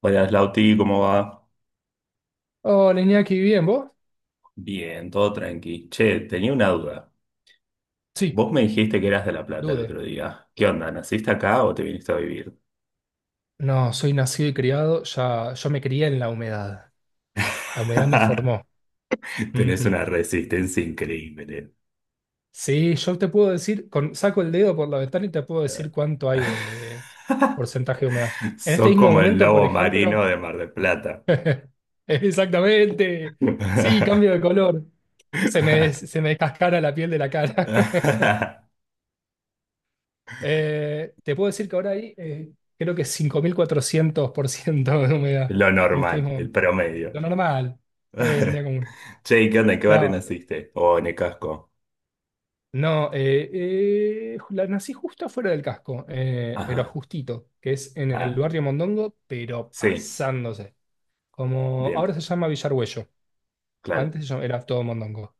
Hola, Slauti, ¿cómo va? Hola Iñaki, ¿bien vos? Bien, todo tranqui. Che, tenía una duda. Sí, Vos me dijiste que eras de La Plata el Dude. otro día. ¿Qué onda? ¿Naciste acá o te viniste a vivir? No, soy nacido y criado, ya, yo me crié en la humedad. La humedad me formó. Tenés Ujú. una resistencia increíble. Sí, yo te puedo decir, con, saco el dedo por la ventana y te puedo decir cuánto hay de porcentaje de humedad. En este Sos mismo como el momento, por lobo marino ejemplo, de Mar del Plata. exactamente. Sí, cambio de color. Se me, des- se me descascara la piel de la cara. Te puedo decir que ahora hay, creo que 5.400% de humedad Lo en este normal, el mismo. Lo promedio. normal. Sí, un día común. Che, ¿y qué onda? ¿En qué barrio No, naciste? O en el casco. no, la nací justo afuera del casco, pero Ajá. justito, que es en el Ah, barrio Mondongo, pero sí. pasándose. Como Bien, ahora se llama Villargüello, claro, antes era todo Mondongo.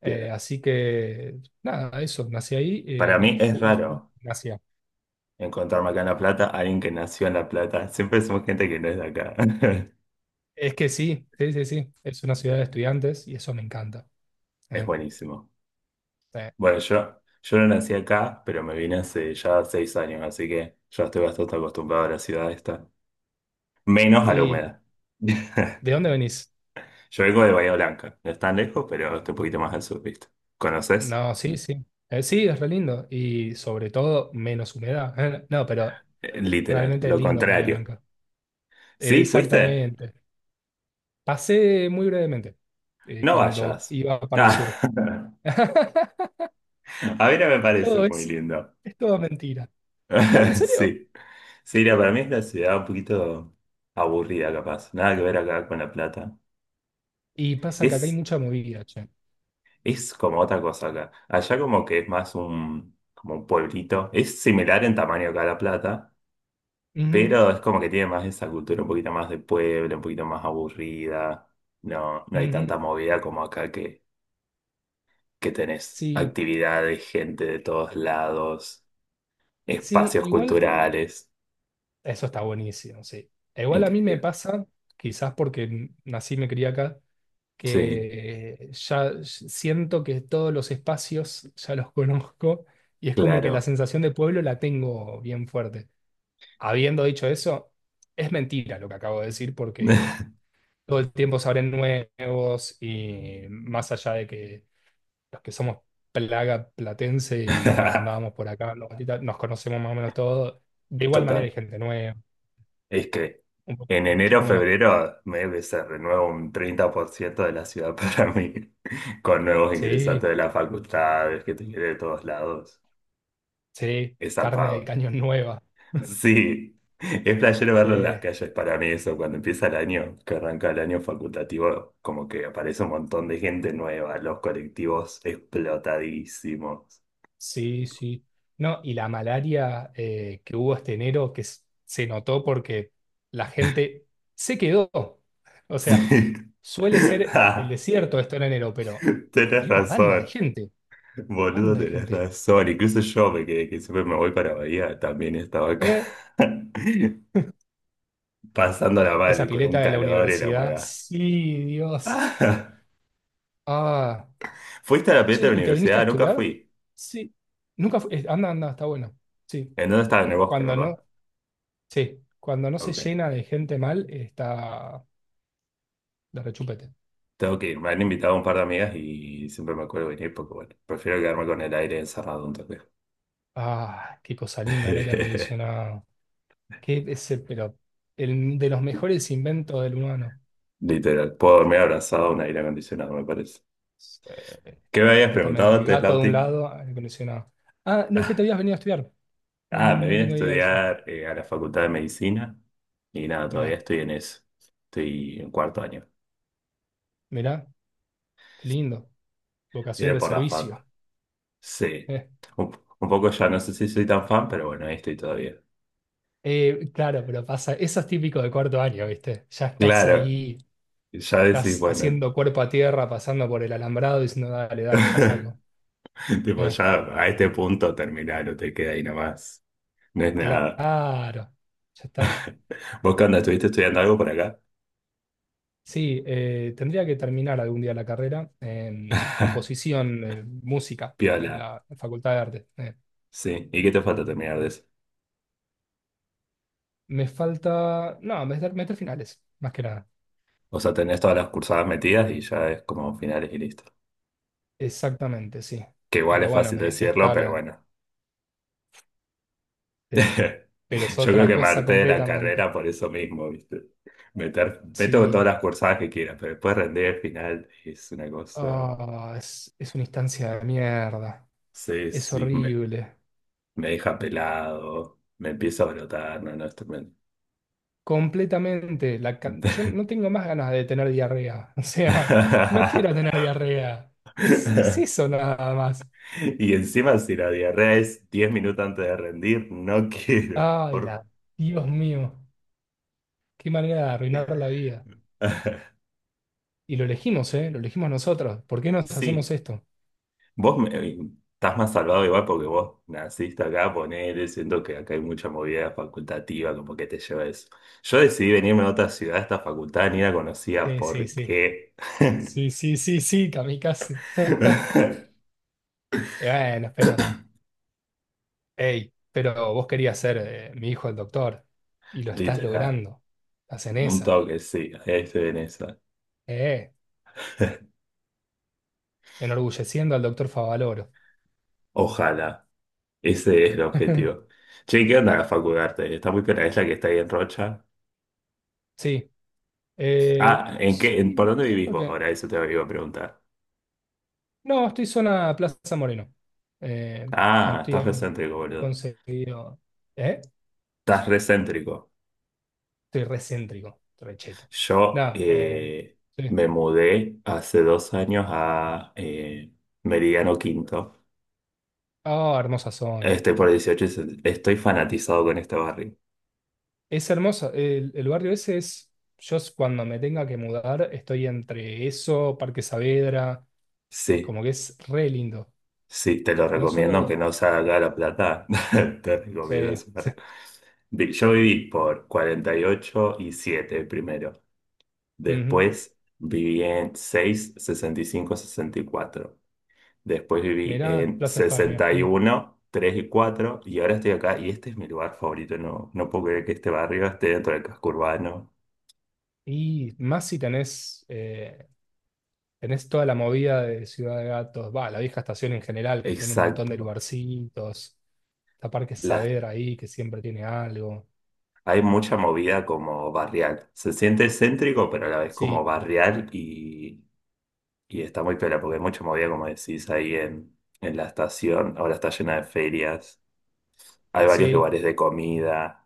Bien. Así que, nada, eso, nací ahí Para y mí es fui, raro nací ahí. encontrarme acá en La Plata a alguien que nació en La Plata. Siempre somos gente que no es de acá. Es que sí, sí, sí, sí, es una ciudad de estudiantes y eso me encanta. Es Eh, buenísimo. eh. Bueno, yo no nací acá, pero me vine hace ya 6 años, así que ya estoy bastante acostumbrado a la ciudad esta. Menos a la ¿Y humedad. de dónde venís? Yo vengo de Bahía Blanca. No es tan lejos, pero estoy un poquito más al sur, ¿viste? ¿Conoces? No, sí, sí. Sí, es re lindo. Y sobre todo, menos humedad. No, pero Literal, realmente es lo lindo Bahía contrario. Blanca. ¿Sí? ¿Fuiste? Exactamente. Pasé muy brevemente No cuando vayas. iba para el Ah, sur. a mí no me parece Todo muy es, lindo. es todo mentira. ¿No? ¿En serio? Sí. Sí, mira, para mí es una ciudad un poquito aburrida, capaz. Nada que ver acá con La Plata. Y pasa que acá hay Es, mucha movida, che. es como otra cosa acá. Allá como que es más un, como un pueblito. Es similar en tamaño acá a La Plata, Ujú, pero es como que tiene más esa cultura un poquito más de pueblo, un poquito más aburrida. No, no hay ujú. tanta movida como acá que tenés Sí, actividades, gente de todos lados, sí, espacios igual culturales. eso está buenísimo, sí. e igual a mí me Increíble. pasa, quizás porque nací y me crié acá, Sí, que ya siento que todos los espacios ya los conozco y es como que la claro. sensación de pueblo la tengo bien fuerte. Habiendo dicho eso, es mentira lo que acabo de decir porque todo el tiempo se abren nuevos y más allá de que los que somos plaga platense y andábamos por acá, los gatitas, nos conocemos más o menos todos, de igual manera Total. hay gente nueva, Es que un poco en como chico, enero, como no. febrero, me se renueva un 30% de la ciudad para mí, con nuevos Sí, ingresantes de las facultades, que te quiere de todos lados. sí, Es carne de zarpado. cañón nueva. Sí, es playero Sí. verlo en las calles para mí eso, cuando empieza el año, que arranca el año facultativo, como que aparece un montón de gente nueva, los colectivos explotadísimos. Sí, sí. No, y la malaria que hubo este enero, que se notó porque la gente se quedó. O sea, Sí. suele ser el Ah, desierto esto en enero, pero tenés había una banda de razón. gente, Boludo, banda de tenés gente. razón. Incluso yo me que siempre me voy para Bahía, también estaba acá Eh, pasándola Esa mal con un pileta de la calor y la universidad, humedad. sí, Dios. Ah, ¿Fuiste a la pileta che, de la ¿y te viniste a universidad? Nunca estudiar? fui. Sí. Nunca fu- Anda, anda, está bueno. Sí. ¿En dónde estaba? En el bosque, Cuando ¿verdad? no, sí, cuando no se Ok. llena de gente mal, está de rechupete. Tengo que ir. Me han invitado un par de amigas y siempre me acuerdo venir porque, bueno, prefiero quedarme con el aire encerrado un toque. Ah, qué cosa linda el aire acondicionado. Qué es el, pero el, de los mejores inventos del humano. Literal. Puedo dormir abrazado a un aire acondicionado, me parece. Sí, ¿Qué me habías preguntado completamente. antes, Gato de un Lauti? lado, aire acondicionado. Ah, no, que te habías venido a estudiar. No, no, Ah, me no vine a tengo idea de eso. estudiar a la Facultad de Medicina y nada, todavía Mirá, estoy en eso. Estoy en cuarto año. mirá, qué lindo. Vocación Miré de por la fac. servicio. Sí. Eh, Un, un poco ya, no sé si soy tan fan, pero bueno, ahí estoy todavía. Claro, pero pasa, eso es típico de cuarto año, ¿viste? Ya estás Claro, ahí, ya decís, estás bueno, haciendo cuerpo a tierra, pasando por el alambrado, diciendo, dale, dale, ya salgo. tipo, Eh, ya a este punto terminaron, te queda ahí nomás. No es nada. claro, ya está. ¿Vos qué onda? ¿Estuviste estudiando algo por acá? Sí, tendría que terminar algún día la carrera en composición, música, Piola. en la Facultad de Arte. Sí. ¿Y qué te falta terminar de eso? Me falta, no, meter finales, más que nada. O sea, tenés todas las cursadas metidas y ya es como finales y listo. Exactamente, sí. Que igual Pero es bueno, fácil me dejé decirlo, estar, pero bueno. sí. Pero es Yo creo otra que me cosa harté de la completamente. carrera por eso mismo, ¿viste? Meter, meto todas Sí, las cursadas que quieras, pero después rendir al final es una cosa. ah, es una instancia de mierda. Sí, Es sí, me, horrible. me deja pelado, me empiezo a brotar, no, no, es tremendo. Completamente. Yo no tengo más ganas de tener diarrea. O sea, no quiero tener diarrea. Es eso nada más. Y encima, si la diarrea es 10 minutos antes de rendir, no quiero. Ay, Por... Dios mío, qué manera de arruinar la vida. favor. Y lo elegimos, ¿eh? Lo elegimos nosotros. ¿Por qué nos hacemos Sí. esto? Vos me- eh, Estás más salvado igual porque vos naciste acá, ponele, siento que acá hay mucha movida facultativa, como que te lleva eso. Yo decidí venirme a otra ciudad, esta facultad ni la conocía, Sí, ¿por sí. qué? Sí, sí, sí, sí, kamikaze. Y bueno, pero, hey, pero vos querías ser mi hijo el doctor y lo estás Literal, logrando. Estás en un esa. toque, sí, ahí estoy en esa. Eh, enorgulleciendo al doctor Favaloro. Ojalá, ese es el objetivo. Che, ¿qué onda la facultad? Está muy piola, es la que está ahí en Rocha. Sí, ¿ Por sí, dónde vivís siento vos que. ahora? Eso te iba a preguntar. No, estoy zona Plaza Moreno. Eh, con- Ah, estás estoy- recéntrico, He boludo. conseguido. ¿Eh? Estás recéntrico. Estoy recéntrico, recheto. Yo Nada, sí. Me mudé hace 2 años a Meridiano Quinto. Ah, hermosa zona. Estoy por 18, y estoy fanatizado con este barrio. Es hermosa. El barrio ese es. Cuando me tenga que mudar, estoy entre eso, Parque Saavedra. Sí, Como que es re lindo. sí, te lo No recomiendo, aunque solo. no sea acá de La Plata, te Sí. recomiendo ese barrio. Yo viví por 48 y 7 primero. Ujú. Después viví en 6 65 y 64. Después viví Mirá, en Plaza España. sesenta y Mm. uno 3 y 4 y ahora estoy acá y este es mi lugar favorito. No, no puedo creer que este barrio esté dentro del casco urbano. Y más si tenés, tenés toda la movida de Ciudad de Gatos, va, la vieja estación en general, que tiene un montón de Exacto. lugarcitos. Está Parque Las, Saavedra ahí, que siempre tiene algo. Hay mucha movida como barrial. Se siente céntrico, pero a la vez como Sí, barrial y está muy piola porque hay mucha movida, como decís, ahí en la estación. Ahora está llena de ferias. Hay varios sí. lugares de comida.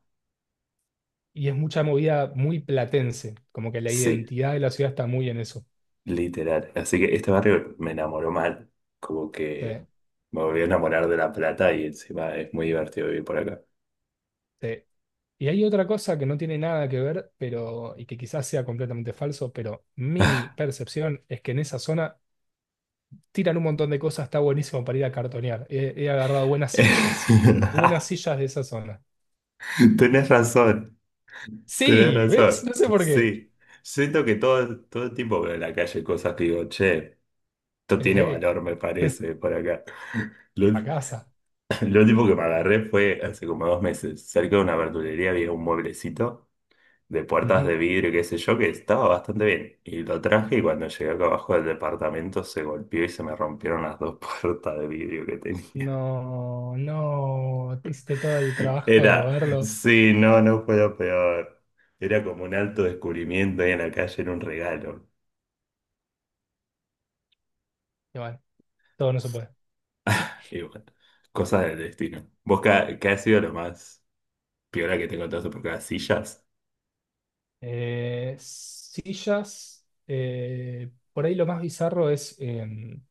Y es mucha movida muy platense, como que la Sí, identidad de la ciudad está muy en eso. Literal. Así que este barrio me enamoró mal. Como que Sí, me volví a enamorar de La Plata y encima es muy divertido vivir por acá. sí. Y hay otra cosa que no tiene nada que ver, pero, y que quizás sea completamente falso, pero mi percepción es que en esa zona tiran un montón de cosas, está buenísimo para ir a cartonear. He agarrado buenas sillas de esa zona. Tenés razón, tenés Sí, ¿ves? razón. No sé por qué. Sí. Siento que todo, todo el tiempo veo en la calle cosas que digo, che, esto tiene Ejé, valor, me parece, por acá. Lo, a casa. lo último que me agarré fue hace como 2 meses. Cerca de una verdulería había un mueblecito de puertas de Ujú. vidrio, qué sé yo, que estaba bastante bien. Y lo traje y cuando llegué acá abajo del departamento se golpeó y se me rompieron las dos puertas de vidrio que tenía. No, no, te hiciste todo el trabajo de Era, moverlo. sí, no, no fue lo peor. Era como un alto descubrimiento ahí en la calle, era un regalo. Y bueno, todo no se puede. Y bueno, cosas del destino. ¿Vos qué ha sido lo más peor que te encontraste por acá? ¿Sillas? Sillas. Por ahí lo más bizarro es,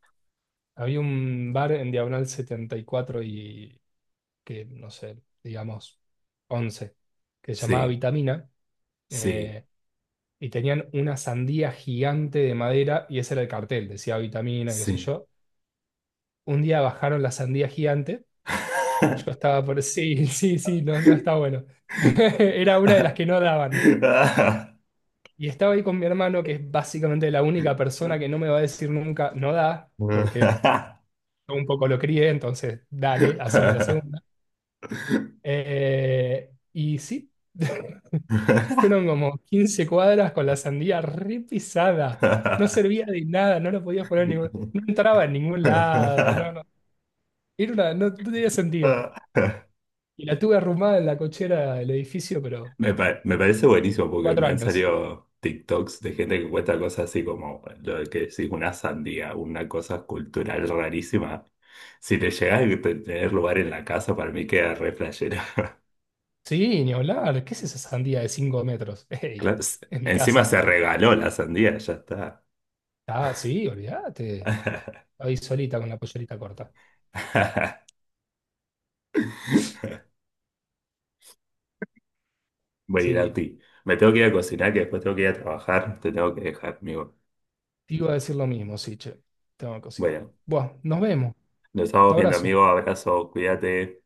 había un bar en Diagonal 74 y que, no sé, digamos, 11, que se llamaba Sí, Vitamina. sí, eh, y tenían una sandía gigante de madera y ese era el cartel, decía Vitamina, qué sé sí. yo. Un día bajaron la sandía gigante. Yo estaba por... Sí, sí, sí, no, no está bueno. Era una de las que no daban. Y estaba ahí con mi hermano, que es básicamente la única persona que no me va a decir nunca, no da, porque yo un poco lo crié, entonces dale, haceme la segunda. Y sí, fueron como 15 cuadras con la sandía re pisada. No servía de nada, no lo podías poner en ningún... No entraba en ningún lado, no, no. No tenía sentido. Y la tuve arrumada en la cochera del edificio, pero Me parece buenísimo porque 4 me han años. salido TikToks de gente que cuesta cosas así como lo que decís, una sandía, una cosa cultural rarísima. Si te llegas a tener lugar en la casa, para mí queda re flashero. Sí, ni hablar. ¿Qué es esa sandía de 5 metros? ¡Ey! Claro, Es mi encima casa. se regaló la sandía, ya está. Ah, sí, olvídate. Ahí solita con la pollerita corta. Voy a ir a Sí, ti. Me tengo que ir a cocinar, que después tengo que ir a trabajar. Te tengo que dejar, amigo. te iba a decir lo mismo, sí, che. Tengo que cocinar. Bueno, Bueno, nos vemos. nos Un estamos viendo, abrazo. amigo. Abrazo, cuídate.